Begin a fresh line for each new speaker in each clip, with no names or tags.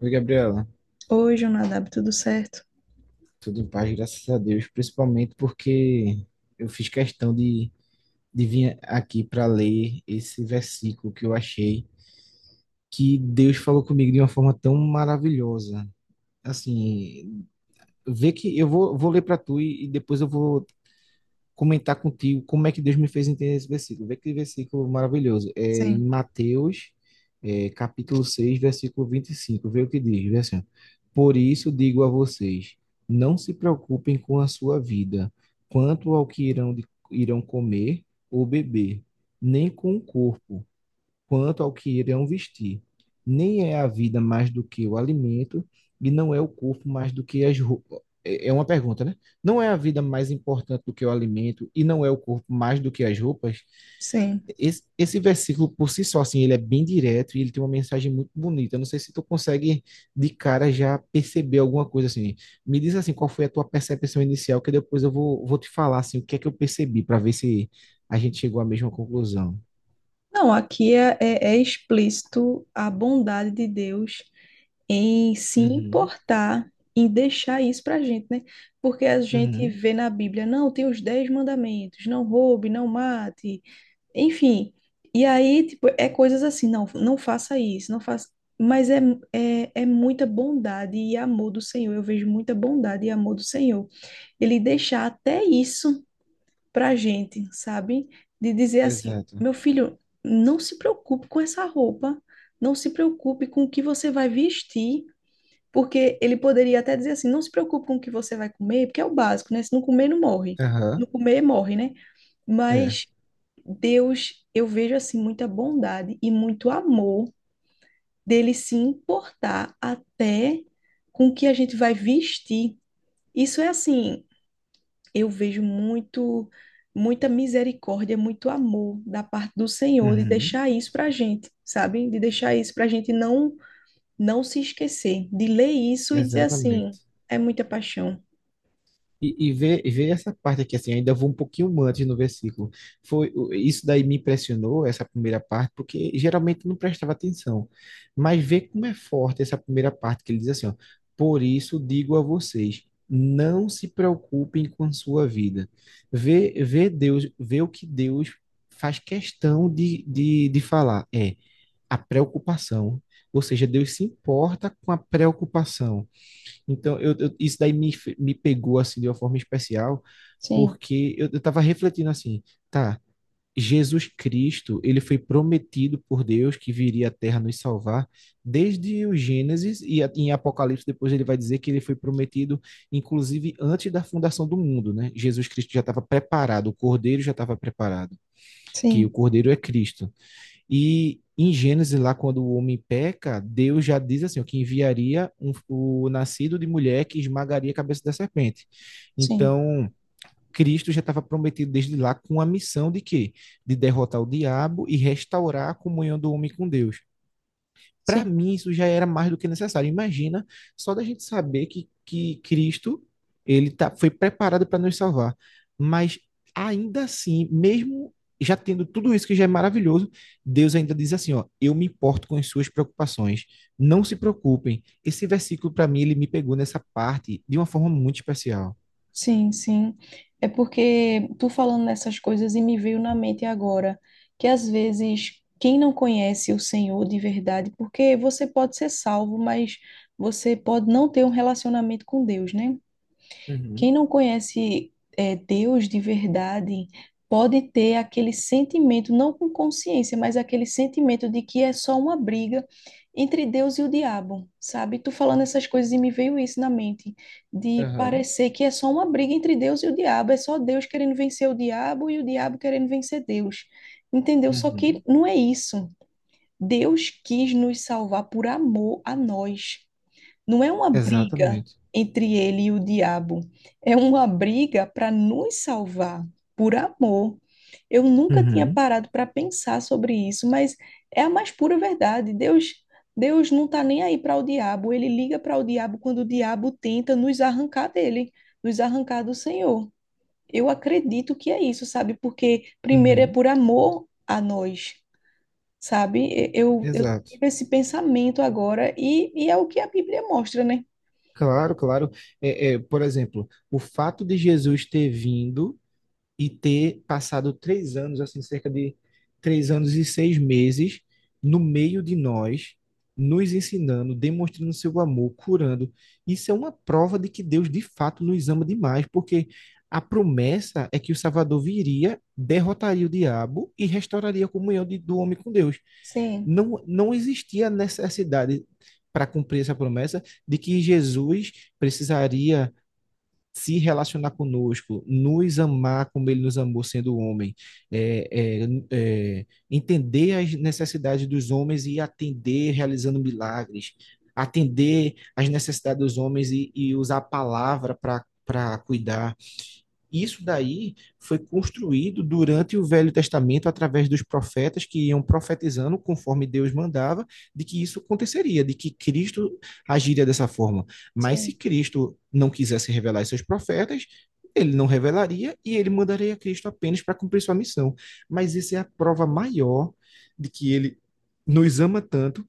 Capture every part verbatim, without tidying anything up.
Oi, Gabriela.
Hoje Oi, Jonadab, tudo certo?
Tudo em paz, graças a Deus, principalmente porque eu fiz questão de, de vir aqui para ler esse versículo que eu achei que Deus falou comigo de uma forma tão maravilhosa. Assim, vê que eu vou, vou ler para tu e, e depois eu vou comentar contigo como é que Deus me fez entender esse versículo. Vê que versículo maravilhoso. É em
Sim.
Mateus, é, capítulo seis versículo vinte e cinco. Vê o que diz, vê assim, ó. Por isso digo a vocês, não se preocupem com a sua vida, quanto ao que irão, de- irão comer ou beber, nem com o corpo, quanto ao que irão vestir. Nem é a vida mais do que o alimento, e não é o corpo mais do que as roupas. É é uma pergunta, né? Não é a vida mais importante do que o alimento, e não é o corpo mais do que as roupas?
Sim.
Esse, esse versículo, por si só, assim, ele é bem direto e ele tem uma mensagem muito bonita. Eu não sei se tu consegue, de cara, já perceber alguma coisa, assim. Me diz, assim, qual foi a tua percepção inicial, que depois eu vou, vou te falar, assim, o que é que eu percebi, para ver se a gente chegou à mesma conclusão.
Não, aqui é, é- é explícito a bondade de Deus em se
Uhum,
importar, em deixar isso pra gente, né? Porque a gente
uhum.
vê na Bíblia, não, tem os dez mandamentos, não roube, não mate, enfim. E aí, tipo, é coisas assim, não, não faça isso, não faça. Mas é, é, é muita bondade e amor do Senhor. Eu vejo muita bondade e amor do Senhor. Ele deixar até isso pra gente, sabe? De dizer assim,
Exato.
meu filho, não se preocupe com essa roupa, não se preocupe com o que você vai vestir, porque ele poderia até dizer assim, não se preocupe com o que você vai comer, porque é o básico, né? Se não comer, não morre.
Aham,
Não comer, morre, né?
é.
Mas Deus, eu vejo assim muita bondade e muito amor dele se importar até com o que a gente vai vestir. Isso é assim, eu vejo muito, muita misericórdia, muito amor da parte do Senhor de
Uhum.
deixar isso para a gente, sabe? De deixar isso para a gente não, não se esquecer, de ler isso e dizer assim,
Exatamente.
é muita paixão.
E, e ver, e ver essa parte aqui, assim, ainda vou um pouquinho antes no versículo. Foi, o- isso daí me impressionou, essa primeira parte, porque geralmente eu não prestava atenção. Mas ver como é forte essa primeira parte, que ele diz assim, ó, por isso digo a vocês, não se preocupem com a sua vida. ver ver Deus, ver o que Deus faz questão de, de, de falar. É, a preocupação. Ou seja, Deus se importa com a preocupação. Então, eu, eu- isso daí me, me pegou assim de uma forma especial,
Sim,
porque eu estava refletindo assim, tá, Jesus Cristo, ele foi prometido por Deus que viria à Terra nos salvar desde o Gênesis e a- em Apocalipse depois ele vai dizer que ele foi prometido inclusive antes da fundação do mundo, né? Jesus Cristo já estava preparado, o Cordeiro já estava preparado, que o
sim,
Cordeiro é Cristo. E em Gênesis, lá quando o homem peca, Deus já diz assim, ó, que enviaria um- o nascido de mulher que esmagaria a cabeça da serpente.
sim,
Então, Cristo já estava prometido desde lá com a missão de quê? De derrotar o diabo e restaurar a comunhão do homem com Deus. Para
sim,
mim, isso já era mais do que necessário. Imagina só da gente saber que, que Cristo ele tá, foi preparado para nos salvar. Mas ainda assim, mesmo já tendo tudo isso que já é maravilhoso, Deus ainda diz assim, ó, eu me importo com as suas preocupações. Não se preocupem. Esse versículo para mim ele me pegou nessa parte de uma forma muito especial.
sim, sim. É porque tu falando nessas coisas e me veio na mente agora que às vezes quem não conhece o Senhor de verdade, porque você pode ser salvo, mas você pode não ter um relacionamento com Deus, né? Quem
Uhum.
não conhece é, Deus de verdade pode ter aquele sentimento, não com consciência, mas aquele sentimento de que é só uma briga entre Deus e o diabo, sabe? Tu falando essas coisas e me veio isso na mente, de
Aham.
parecer que é só uma briga entre Deus e o diabo, é só Deus querendo vencer o diabo e o diabo querendo vencer Deus, entendeu? Só que
Uhum.
não é isso. Deus quis nos salvar por amor a nós. Não é uma briga
Exatamente.
entre ele e o diabo, é uma briga para nos salvar, por amor. Eu nunca tinha
Uhum.
parado para pensar sobre isso, mas é a mais pura verdade. Deus, Deus não está nem aí para o diabo, ele liga para o diabo quando o diabo tenta nos arrancar dele, nos arrancar do Senhor. Eu acredito que é isso, sabe? Porque primeiro é
Uhum.
por amor a nós, sabe? Eu, eu
Exato.
tive esse pensamento agora e, e é o que a Bíblia mostra, né?
Claro, claro. É, é, por exemplo, o fato de Jesus ter vindo e ter passado três anos, assim, cerca de três anos e seis meses no meio de nós, nos ensinando, demonstrando seu amor, curando. Isso é uma prova de que Deus de fato nos ama demais, porque a promessa é que o Salvador viria, derrotaria o diabo e restauraria a comunhão de, do homem com Deus.
Sim,
Não, não existia necessidade para cumprir essa promessa de que Jesus precisaria se relacionar conosco, nos amar como ele nos amou sendo homem, é, é, é, entender as necessidades dos homens e atender realizando milagres, atender as necessidades dos homens e, e usar a palavra para para cuidar, isso daí foi construído durante o Velho Testamento através dos profetas que iam profetizando conforme Deus mandava de que isso aconteceria, de que Cristo agiria dessa forma. Mas se
sim,
Cristo não quisesse revelar aos seus profetas, ele não revelaria e ele mandaria Cristo apenas para cumprir sua missão. Mas isso é a prova maior de que ele nos ama tanto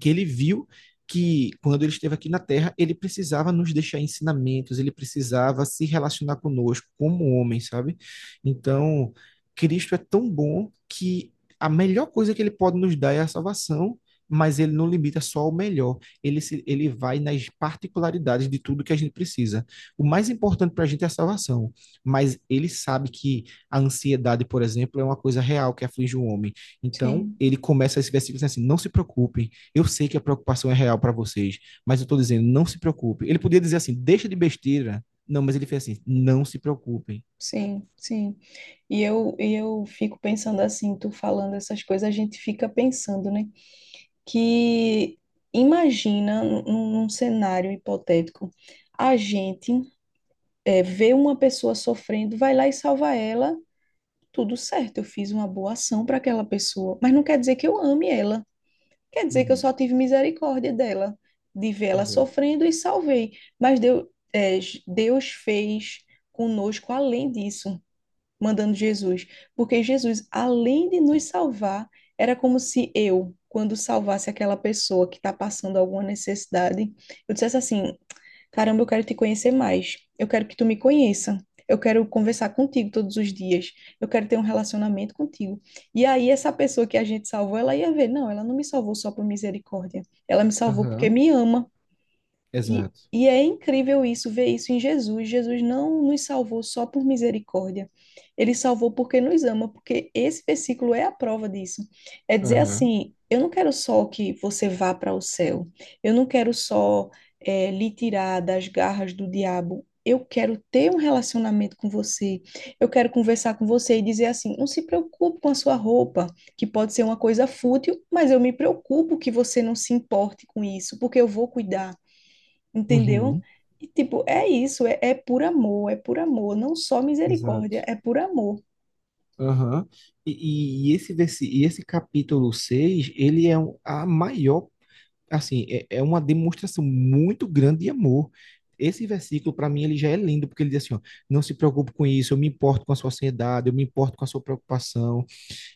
que ele viu que quando ele esteve aqui na Terra, ele precisava nos deixar ensinamentos, ele precisava se relacionar conosco como homem, sabe? Então, Cristo é tão bom que a melhor coisa que ele pode nos dar é a salvação, mas ele não limita só ao melhor. Ele, se, ele vai nas particularidades de tudo que a gente precisa. O mais importante para a gente é a salvação, mas ele sabe que a ansiedade, por exemplo, é uma coisa real que aflige o homem. Então,
sim,
ele começa esse versículo dizendo assim: não se preocupem, eu sei que a preocupação é real para vocês, mas eu estou dizendo, não se preocupe. Ele podia dizer assim, deixa de besteira. Não, mas ele fez assim, não se preocupem.
sim, sim. E eu, e eu fico pensando assim, tu falando essas coisas, a gente fica pensando, né? Que imagina num, num cenário hipotético, a gente eh, vê uma pessoa sofrendo, vai lá e salva ela, tudo certo, eu fiz uma boa ação para aquela pessoa, mas não quer dizer que eu ame ela. Quer dizer que eu só
Uhum.
tive misericórdia dela, de ver ela
Exato.
sofrendo e salvei. Mas Deus, é, Deus fez conosco além disso, mandando Jesus. Porque Jesus, além de nos salvar, era como se eu, quando salvasse aquela pessoa que está passando alguma necessidade, eu dissesse assim: Caramba, eu quero te conhecer mais. Eu quero que tu me conheça. Eu quero conversar contigo todos os dias. Eu quero ter um relacionamento contigo. E aí, essa pessoa que a gente salvou, ela ia ver, não, ela não me salvou só por misericórdia. Ela me salvou porque
Aham.
me ama. E,
Exato.
e é incrível isso, ver isso em Jesus. Jesus não nos salvou só por misericórdia. Ele salvou porque nos ama, porque esse versículo é a prova disso. É dizer
Aham.
assim: eu não quero só que você vá para o céu, eu não quero só eh, lhe tirar das garras do diabo. Eu quero ter um relacionamento com você. Eu quero conversar com você e dizer assim: não se preocupe com a sua roupa, que pode ser uma coisa fútil, mas eu me preocupo que você não se importe com isso, porque eu vou cuidar, entendeu?
Uhum.
E, tipo, é isso, é, é por amor, é por amor, não só misericórdia,
Exato.
é por amor.
Aham. E, e e esse versi... e esse capítulo seis, ele é um- a maior, assim, é, é uma demonstração muito grande de amor. Esse versículo, para mim, ele já é lindo, porque ele diz assim, ó, não se preocupe com isso, eu me importo com a sua ansiedade, eu me importo com a sua preocupação.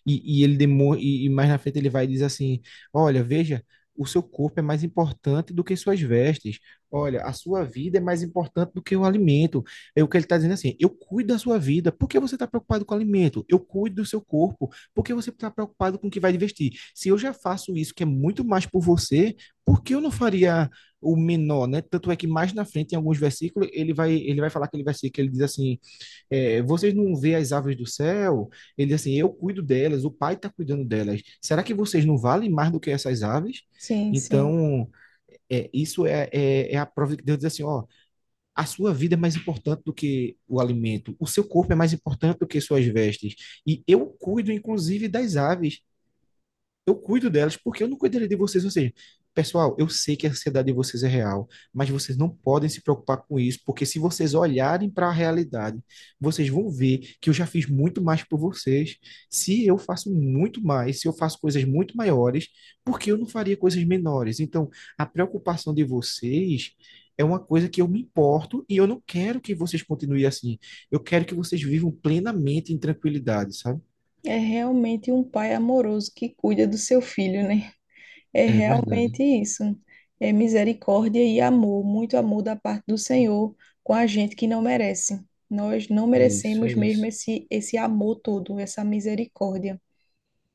E, e ele demo, e, e mais na frente ele vai e diz assim: olha, veja, o seu corpo é mais importante do que suas vestes. Olha, a sua vida é mais importante do que o alimento. É o que ele está dizendo assim: eu cuido da sua vida. Por que você está preocupado com o alimento? Eu cuido do seu corpo. Por que você está preocupado com o que vai vestir? Se eu já faço isso, que é muito mais por você, por que eu não faria o menor, né? Tanto é que mais na frente, em alguns versículos, ele vai, ele vai falar aquele versículo que ele diz assim, é, vocês não vê as aves do céu? Ele diz assim, eu cuido delas, o pai está cuidando delas. Será que vocês não valem mais do que essas aves?
Sim, sim.
Então, é, isso é, é, é a prova de que Deus diz assim, ó, a sua vida é mais importante do que o alimento, o seu corpo é mais importante do que suas vestes. E eu cuido, inclusive, das aves, eu cuido delas, porque eu não cuidaria de vocês? Ou seja, pessoal, eu sei que a ansiedade de vocês é real, mas vocês não podem se preocupar com isso, porque se vocês olharem para a realidade, vocês vão ver que eu já fiz muito mais por vocês. Se eu faço muito mais, se eu faço coisas muito maiores, por que eu não faria coisas menores? Então, a preocupação de vocês é uma coisa que eu me importo e eu não quero que vocês continuem assim. Eu quero que vocês vivam plenamente em tranquilidade, sabe?
É realmente um pai amoroso que cuida do seu filho, né? É
É verdade.
realmente isso. É misericórdia e amor, muito amor da parte do Senhor com a gente que não merece. Nós não
É isso, é
merecemos mesmo
isso.
esse, esse amor todo, essa misericórdia.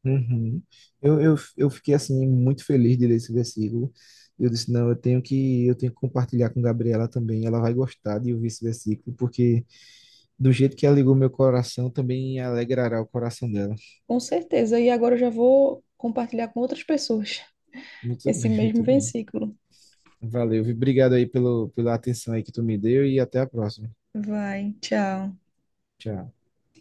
Uhum. Eu, eu, eu fiquei assim muito feliz de ler esse versículo. Eu disse, não, eu tenho que eu tenho que compartilhar com Gabriela também. Ela vai gostar de ouvir esse versículo, porque do jeito que alegrou meu coração, também alegrará o coração dela.
Com certeza. E agora eu já vou compartilhar com outras pessoas
Muito
esse
bem,
mesmo
muito bem.
versículo.
Valeu, viu? Obrigado aí pelo, pela atenção aí que tu me deu e até a próxima.
Vai, tchau.
Tchau.